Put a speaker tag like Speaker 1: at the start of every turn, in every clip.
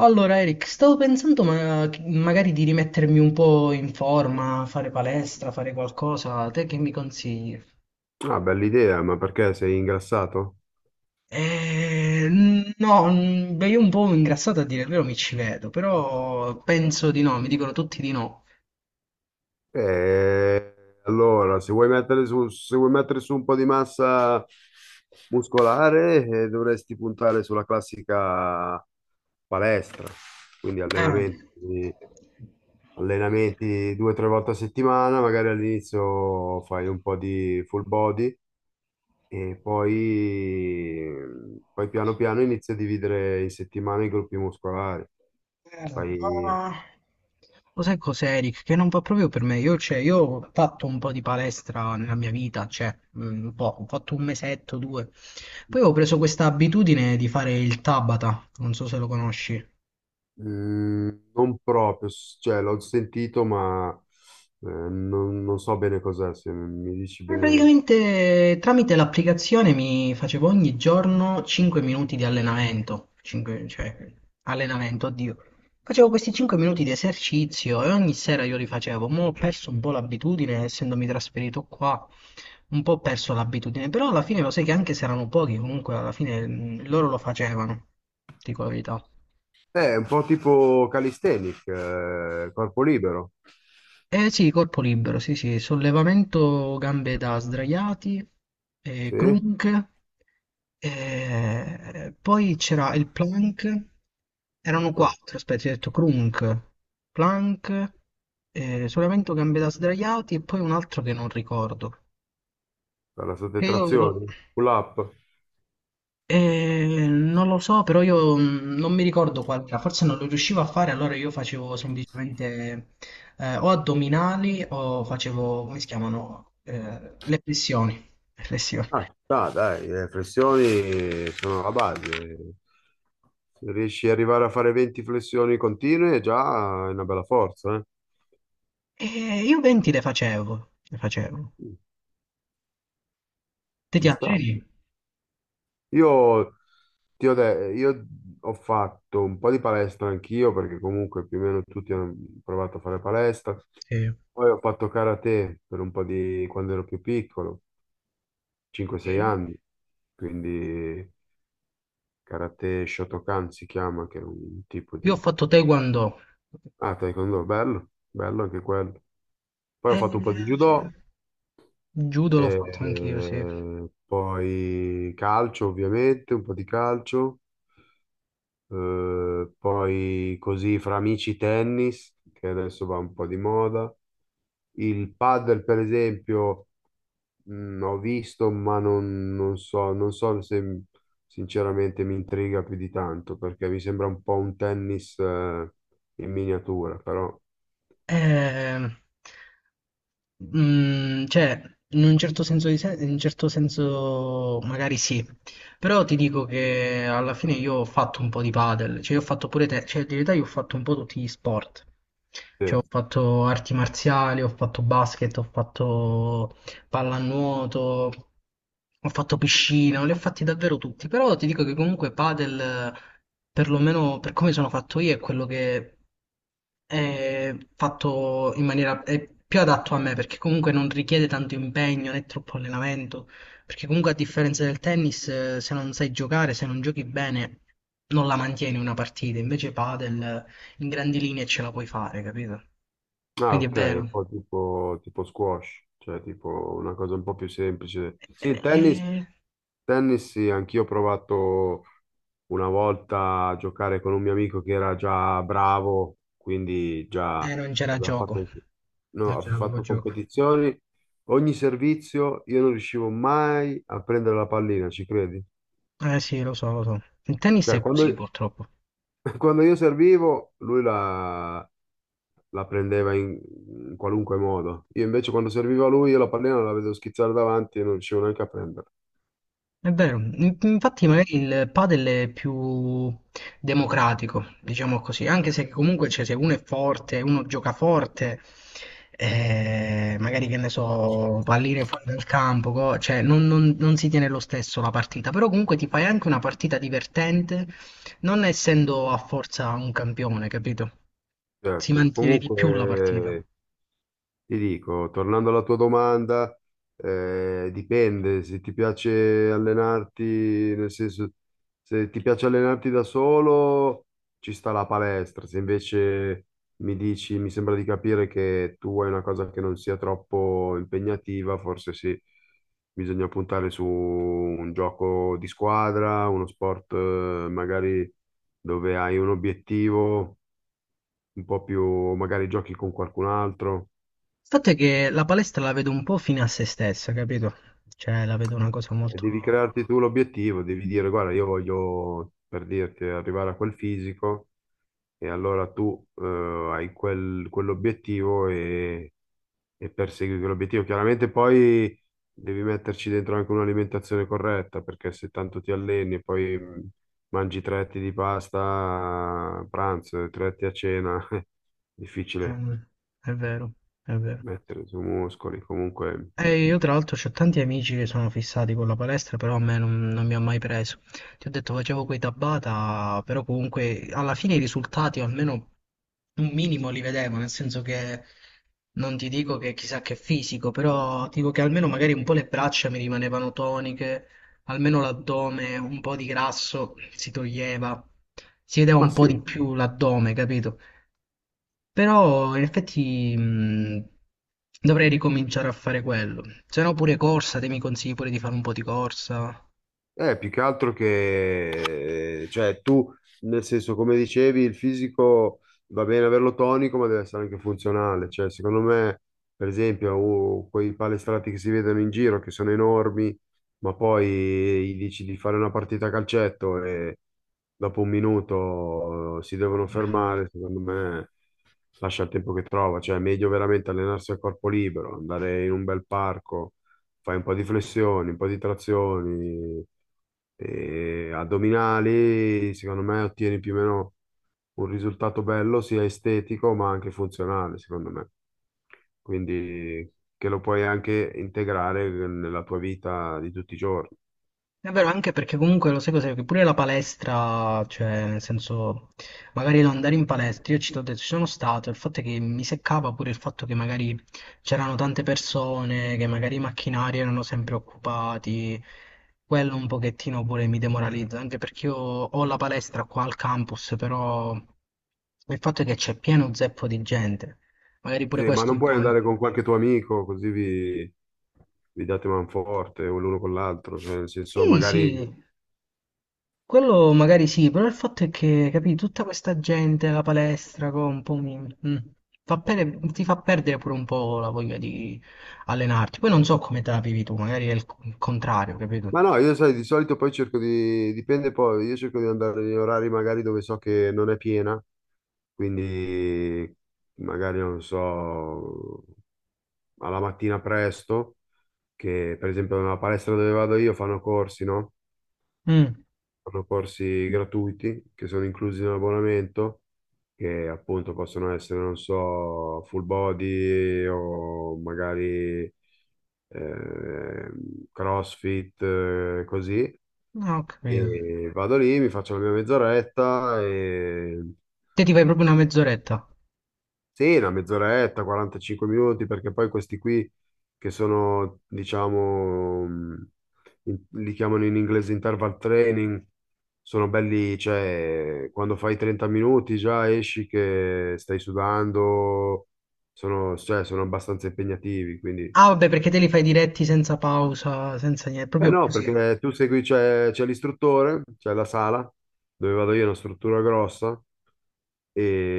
Speaker 1: Allora, Eric, stavo pensando magari di rimettermi un po' in forma, fare palestra, fare qualcosa. Te che mi consigli?
Speaker 2: Ah, bella idea, ma perché sei ingrassato?
Speaker 1: Eh, no, beh, io un po' ingrassato a dire il vero mi ci vedo, però penso di no, mi dicono tutti di no.
Speaker 2: Eh, allora, se vuoi mettere su un po' di massa muscolare, dovresti puntare sulla classica palestra. Quindi
Speaker 1: Eh,
Speaker 2: allenamenti due o tre volte a settimana, magari all'inizio fai un po' di full body e poi piano piano inizi a dividere in settimana i gruppi muscolari.
Speaker 1: Eh,
Speaker 2: Fai
Speaker 1: ma lo sai cos'è, Eric? Che non va proprio per me. Io, cioè, io ho fatto un po' di palestra nella mia vita, cioè, un po', ho fatto un mesetto, due. Poi ho preso questa abitudine di fare il Tabata, non so se lo conosci.
Speaker 2: mm, non proprio, cioè l'ho sentito, ma non so bene cos'è, se mi dici bene.
Speaker 1: Praticamente tramite l'applicazione mi facevo ogni giorno 5 minuti di allenamento, 5, cioè allenamento, oddio. Facevo questi 5 minuti di esercizio e ogni sera io li facevo. Mo' ho perso un po' l'abitudine, essendomi trasferito qua, un po' ho perso l'abitudine, però alla fine lo sai che anche se erano pochi, comunque alla fine loro lo facevano, dico la verità.
Speaker 2: È un po' tipo calisthenic, corpo libero,
Speaker 1: Eh sì, corpo libero, sì sì, sollevamento gambe da sdraiati,
Speaker 2: sì?
Speaker 1: crook, poi c'era il plank, erano
Speaker 2: Per
Speaker 1: quattro, aspetta, ti ho detto crunk, plank, sollevamento gambe da sdraiati e poi un altro che non ricordo.
Speaker 2: la
Speaker 1: Che io
Speaker 2: sottrazione,
Speaker 1: lo-
Speaker 2: pull up.
Speaker 1: Non lo so, però io non mi ricordo qual era, forse non lo riuscivo a fare, allora io facevo semplicemente o addominali o facevo, come si chiamano, eh, le pressioni. Le flessioni.
Speaker 2: Ah, no, dai, le flessioni sono la base. Se riesci ad arrivare a fare 20 flessioni continue, già è una bella forza, eh?
Speaker 1: E io 20 le facevo, le facevo.
Speaker 2: Mm,
Speaker 1: Te ti
Speaker 2: ci sta.
Speaker 1: alzeri?
Speaker 2: Io, io ho fatto un po' di palestra anch'io, perché comunque più o meno tutti hanno provato a fare palestra.
Speaker 1: Sì.
Speaker 2: Poi ho fatto karate per un po' di quando ero più piccolo, 5-6
Speaker 1: Sì.
Speaker 2: anni, quindi karate Shotokan si chiama, che è un tipo
Speaker 1: Io ho
Speaker 2: di...
Speaker 1: fatto taekwondo.
Speaker 2: Ah, taekwondo, bello, bello anche quello. Poi ho
Speaker 1: Eh,
Speaker 2: fatto un po' di
Speaker 1: sì.
Speaker 2: judo,
Speaker 1: Judo l'ho fatto anch'io, sì.
Speaker 2: e poi calcio ovviamente, un po' di calcio. Poi così fra amici tennis, che adesso va un po' di moda. Il padel, per esempio, ho visto, ma non so, non so se sinceramente mi intriga più di tanto, perché mi sembra un po' un tennis, in miniatura, però
Speaker 1: Eh, Mm, cioè, in un certo senso, in un certo senso magari sì, però ti dico che alla fine io ho fatto un po' di padel, cioè io ho fatto pure te, cioè in realtà io ho fatto un po' tutti gli sport,
Speaker 2: sì.
Speaker 1: cioè ho fatto arti marziali, ho fatto basket, ho fatto pallanuoto, ho fatto piscina, li ho fatti davvero tutti, però ti dico che comunque padel, perlomeno per come sono fatto io, è quello che è fatto in maniera è più adatto a me perché comunque non richiede tanto impegno né troppo allenamento. Perché comunque a differenza del tennis, se non sai giocare, se non giochi bene, non la mantieni una partita. Invece padel, in grandi linee ce la puoi fare, capito?
Speaker 2: Ah,
Speaker 1: Quindi è
Speaker 2: ok, e
Speaker 1: vero.
Speaker 2: poi tipo squash, cioè tipo una cosa un po' più semplice. Sì, il
Speaker 1: E,
Speaker 2: tennis.
Speaker 1: e-
Speaker 2: Tennis, sì, anch'io ho provato una volta a giocare con un mio amico che era già bravo, quindi già
Speaker 1: e non c'era
Speaker 2: abbiamo
Speaker 1: gioco.
Speaker 2: fatto, anche- no,
Speaker 1: Ma
Speaker 2: ho
Speaker 1: già, lo
Speaker 2: fatto
Speaker 1: gioco.
Speaker 2: competizioni. Ogni servizio io non riuscivo mai a prendere la pallina, ci credi?
Speaker 1: Eh sì, lo so, lo so. Il tennis
Speaker 2: Cioè,
Speaker 1: è così
Speaker 2: quando,
Speaker 1: purtroppo.
Speaker 2: quando io servivo, la prendeva in qualunque modo. Io invece quando servivo a lui, io la pallina la vedevo schizzare davanti e non riuscivo neanche a prenderla.
Speaker 1: È vero. Infatti
Speaker 2: Eh,
Speaker 1: magari il padel è più democratico, diciamo così, anche se comunque cioè, se uno è forte, uno gioca forte, magari che ne so, pallire fuori dal campo, cioè non si tiene lo stesso la partita, però comunque ti fai anche una partita divertente, non essendo a forza un campione, capito? Si
Speaker 2: Certo,
Speaker 1: mantiene di più la partita.
Speaker 2: comunque ti dico, tornando alla tua domanda, dipende se ti piace allenarti, nel senso, se ti piace allenarti da solo, ci sta la palestra, se invece mi dici, mi sembra di capire che tu vuoi una cosa che non sia troppo impegnativa, forse sì, bisogna puntare su un gioco di squadra, uno sport, magari dove hai un obiettivo, un po' più, magari giochi con qualcun altro.
Speaker 1: Il fatto è che la palestra la vedo un po' fine a se stessa, capito? Cioè, la vedo una cosa molto...
Speaker 2: Devi crearti tu l'obiettivo, devi dire, guarda, io voglio, per dirti, arrivare a quel fisico e allora tu hai quell'obiettivo e persegui quell'obiettivo. Chiaramente poi devi metterci dentro anche un'alimentazione corretta, perché se tanto ti alleni e poi mangi 3 etti di pasta a pranzo e 3 etti a cena, è difficile
Speaker 1: eh, è vero, è vero.
Speaker 2: mettere su muscoli comunque.
Speaker 1: Io tra l'altro ho tanti amici che sono fissati con la palestra, però a me non mi ha mai preso. Ti ho detto facevo quei Tabata, però comunque alla fine i risultati o almeno un minimo li vedevo, nel senso che non ti dico che chissà che fisico, però ti dico che almeno magari un po' le braccia mi rimanevano toniche, almeno l'addome, un po' di grasso si toglieva, si vedeva
Speaker 2: Ma
Speaker 1: un po' di
Speaker 2: sì.
Speaker 1: più l'addome, capito? Però in effetti dovrei ricominciare a fare quello. Se no pure corsa, te mi consigli pure di fare un po' di corsa.
Speaker 2: Più che altro cioè, tu, nel senso, come dicevi, il fisico va bene averlo tonico, ma deve essere anche funzionale. Cioè, secondo me, per esempio, quei palestrati che si vedono in giro, che sono enormi, ma poi gli dici di fare una partita a calcetto e dopo un minuto si devono fermare, secondo me lascia il tempo che trova. Cioè, è meglio veramente allenarsi a corpo libero, andare in un bel parco, fai un po' di flessioni, un po' di trazioni, e addominali, secondo me ottieni più o meno un risultato bello, sia estetico ma anche funzionale, secondo me. Quindi che lo puoi anche integrare nella tua vita di tutti i giorni.
Speaker 1: È vero, anche perché comunque lo sai cos'è, che pure la palestra, cioè nel senso, magari non andare in palestra, io ci t'ho detto, ci sono stato, il fatto è che mi seccava pure il fatto che magari c'erano tante persone, che magari i macchinari erano sempre occupati, quello un pochettino pure mi demoralizza, anche perché io ho la palestra qua al campus, però il fatto è che c'è pieno zeppo di gente, magari pure
Speaker 2: Sì, ma
Speaker 1: questo
Speaker 2: non
Speaker 1: un
Speaker 2: puoi
Speaker 1: po'...
Speaker 2: andare con qualche tuo amico, così vi date manforte o l'uno con l'altro, cioè, nel senso
Speaker 1: Sì,
Speaker 2: magari...
Speaker 1: sì, quello magari sì, però il fatto è che, capì, tutta questa gente alla palestra un po' mm, fa ti fa perdere pure un po' la voglia di allenarti. Poi non so come te la vivi tu, magari è il il contrario, capito?
Speaker 2: Ma no, io sai, di solito poi cerco di, dipende poi, io cerco di andare in orari magari dove so che non è piena, quindi magari non so, alla mattina presto, che per esempio nella palestra dove vado io fanno corsi, no?
Speaker 1: Mm,
Speaker 2: Fanno corsi gratuiti che sono inclusi nell'abbonamento, che appunto possono essere, non so, full body o magari eh, CrossFit, così.
Speaker 1: no, ho capito.
Speaker 2: E vado lì, mi faccio la mia mezz'oretta, e...
Speaker 1: Te ti fai proprio una mezz'oretta.
Speaker 2: sì, una mezz'oretta, 45 minuti, perché poi questi qui che sono, diciamo, li chiamano in inglese interval training, sono belli, cioè, quando fai 30 minuti già esci che stai sudando, sono, cioè, sono abbastanza impegnativi, quindi...
Speaker 1: Ah, vabbè, perché te li fai diretti senza pausa, senza niente,
Speaker 2: Eh
Speaker 1: proprio
Speaker 2: no,
Speaker 1: così.
Speaker 2: perché tu segui, c'è l'istruttore, c'è la sala, dove vado io, è una struttura grossa,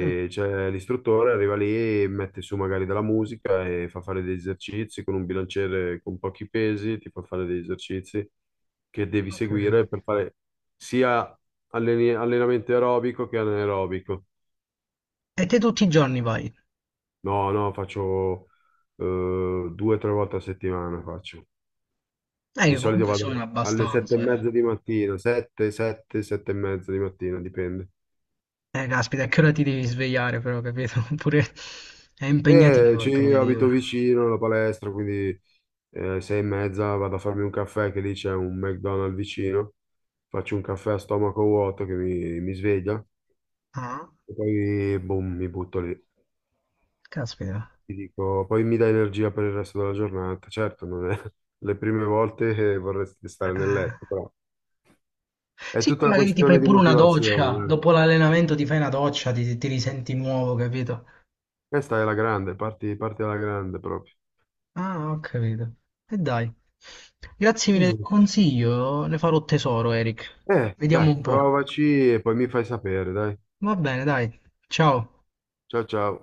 Speaker 1: Mm,
Speaker 2: c'è l'istruttore, arriva lì, mette su magari della musica e fa fare degli esercizi con un bilanciere con pochi pesi, ti fa fare degli esercizi che devi
Speaker 1: ho capito.
Speaker 2: seguire per fare sia allenamento aerobico che anaerobico.
Speaker 1: E te tutti i giorni vai?
Speaker 2: No, no, faccio 2 o 3 volte a settimana faccio. Di
Speaker 1: Io
Speaker 2: solito
Speaker 1: comunque
Speaker 2: vado
Speaker 1: sono
Speaker 2: alle sette e
Speaker 1: abbastanza, eh.
Speaker 2: mezza di mattina, 7:30 di mattina, dipende.
Speaker 1: Caspita, a che ora ti devi svegliare però, capito? Oppure è impegnativo, è
Speaker 2: Ci io abito
Speaker 1: impegnativo.
Speaker 2: vicino alla palestra, quindi 6:30 vado a farmi un caffè, che lì c'è un McDonald's vicino, faccio un caffè a stomaco vuoto che mi sveglia
Speaker 1: Ah,
Speaker 2: e poi boom, mi butto lì.
Speaker 1: caspita.
Speaker 2: Ti dico, poi mi dà energia per il resto della giornata. Certo, non è le prime volte che vorresti stare nel
Speaker 1: Eh,
Speaker 2: letto, però è
Speaker 1: Sì,
Speaker 2: tutta
Speaker 1: poi
Speaker 2: una
Speaker 1: magari ti
Speaker 2: questione
Speaker 1: fai
Speaker 2: di
Speaker 1: pure una
Speaker 2: motivazione.
Speaker 1: doccia,
Speaker 2: Eh.
Speaker 1: dopo l'allenamento ti fai una doccia, ti risenti nuovo, capito?
Speaker 2: Questa è la grande, parti alla grande proprio.
Speaker 1: Ah, ho capito. E dai. Grazie mille del
Speaker 2: Quindi,
Speaker 1: consiglio, ne farò tesoro, Eric.
Speaker 2: eh,
Speaker 1: Vediamo
Speaker 2: dai,
Speaker 1: un po'.
Speaker 2: provaci e poi mi fai sapere, dai.
Speaker 1: Va bene, dai. Ciao.
Speaker 2: Ciao ciao.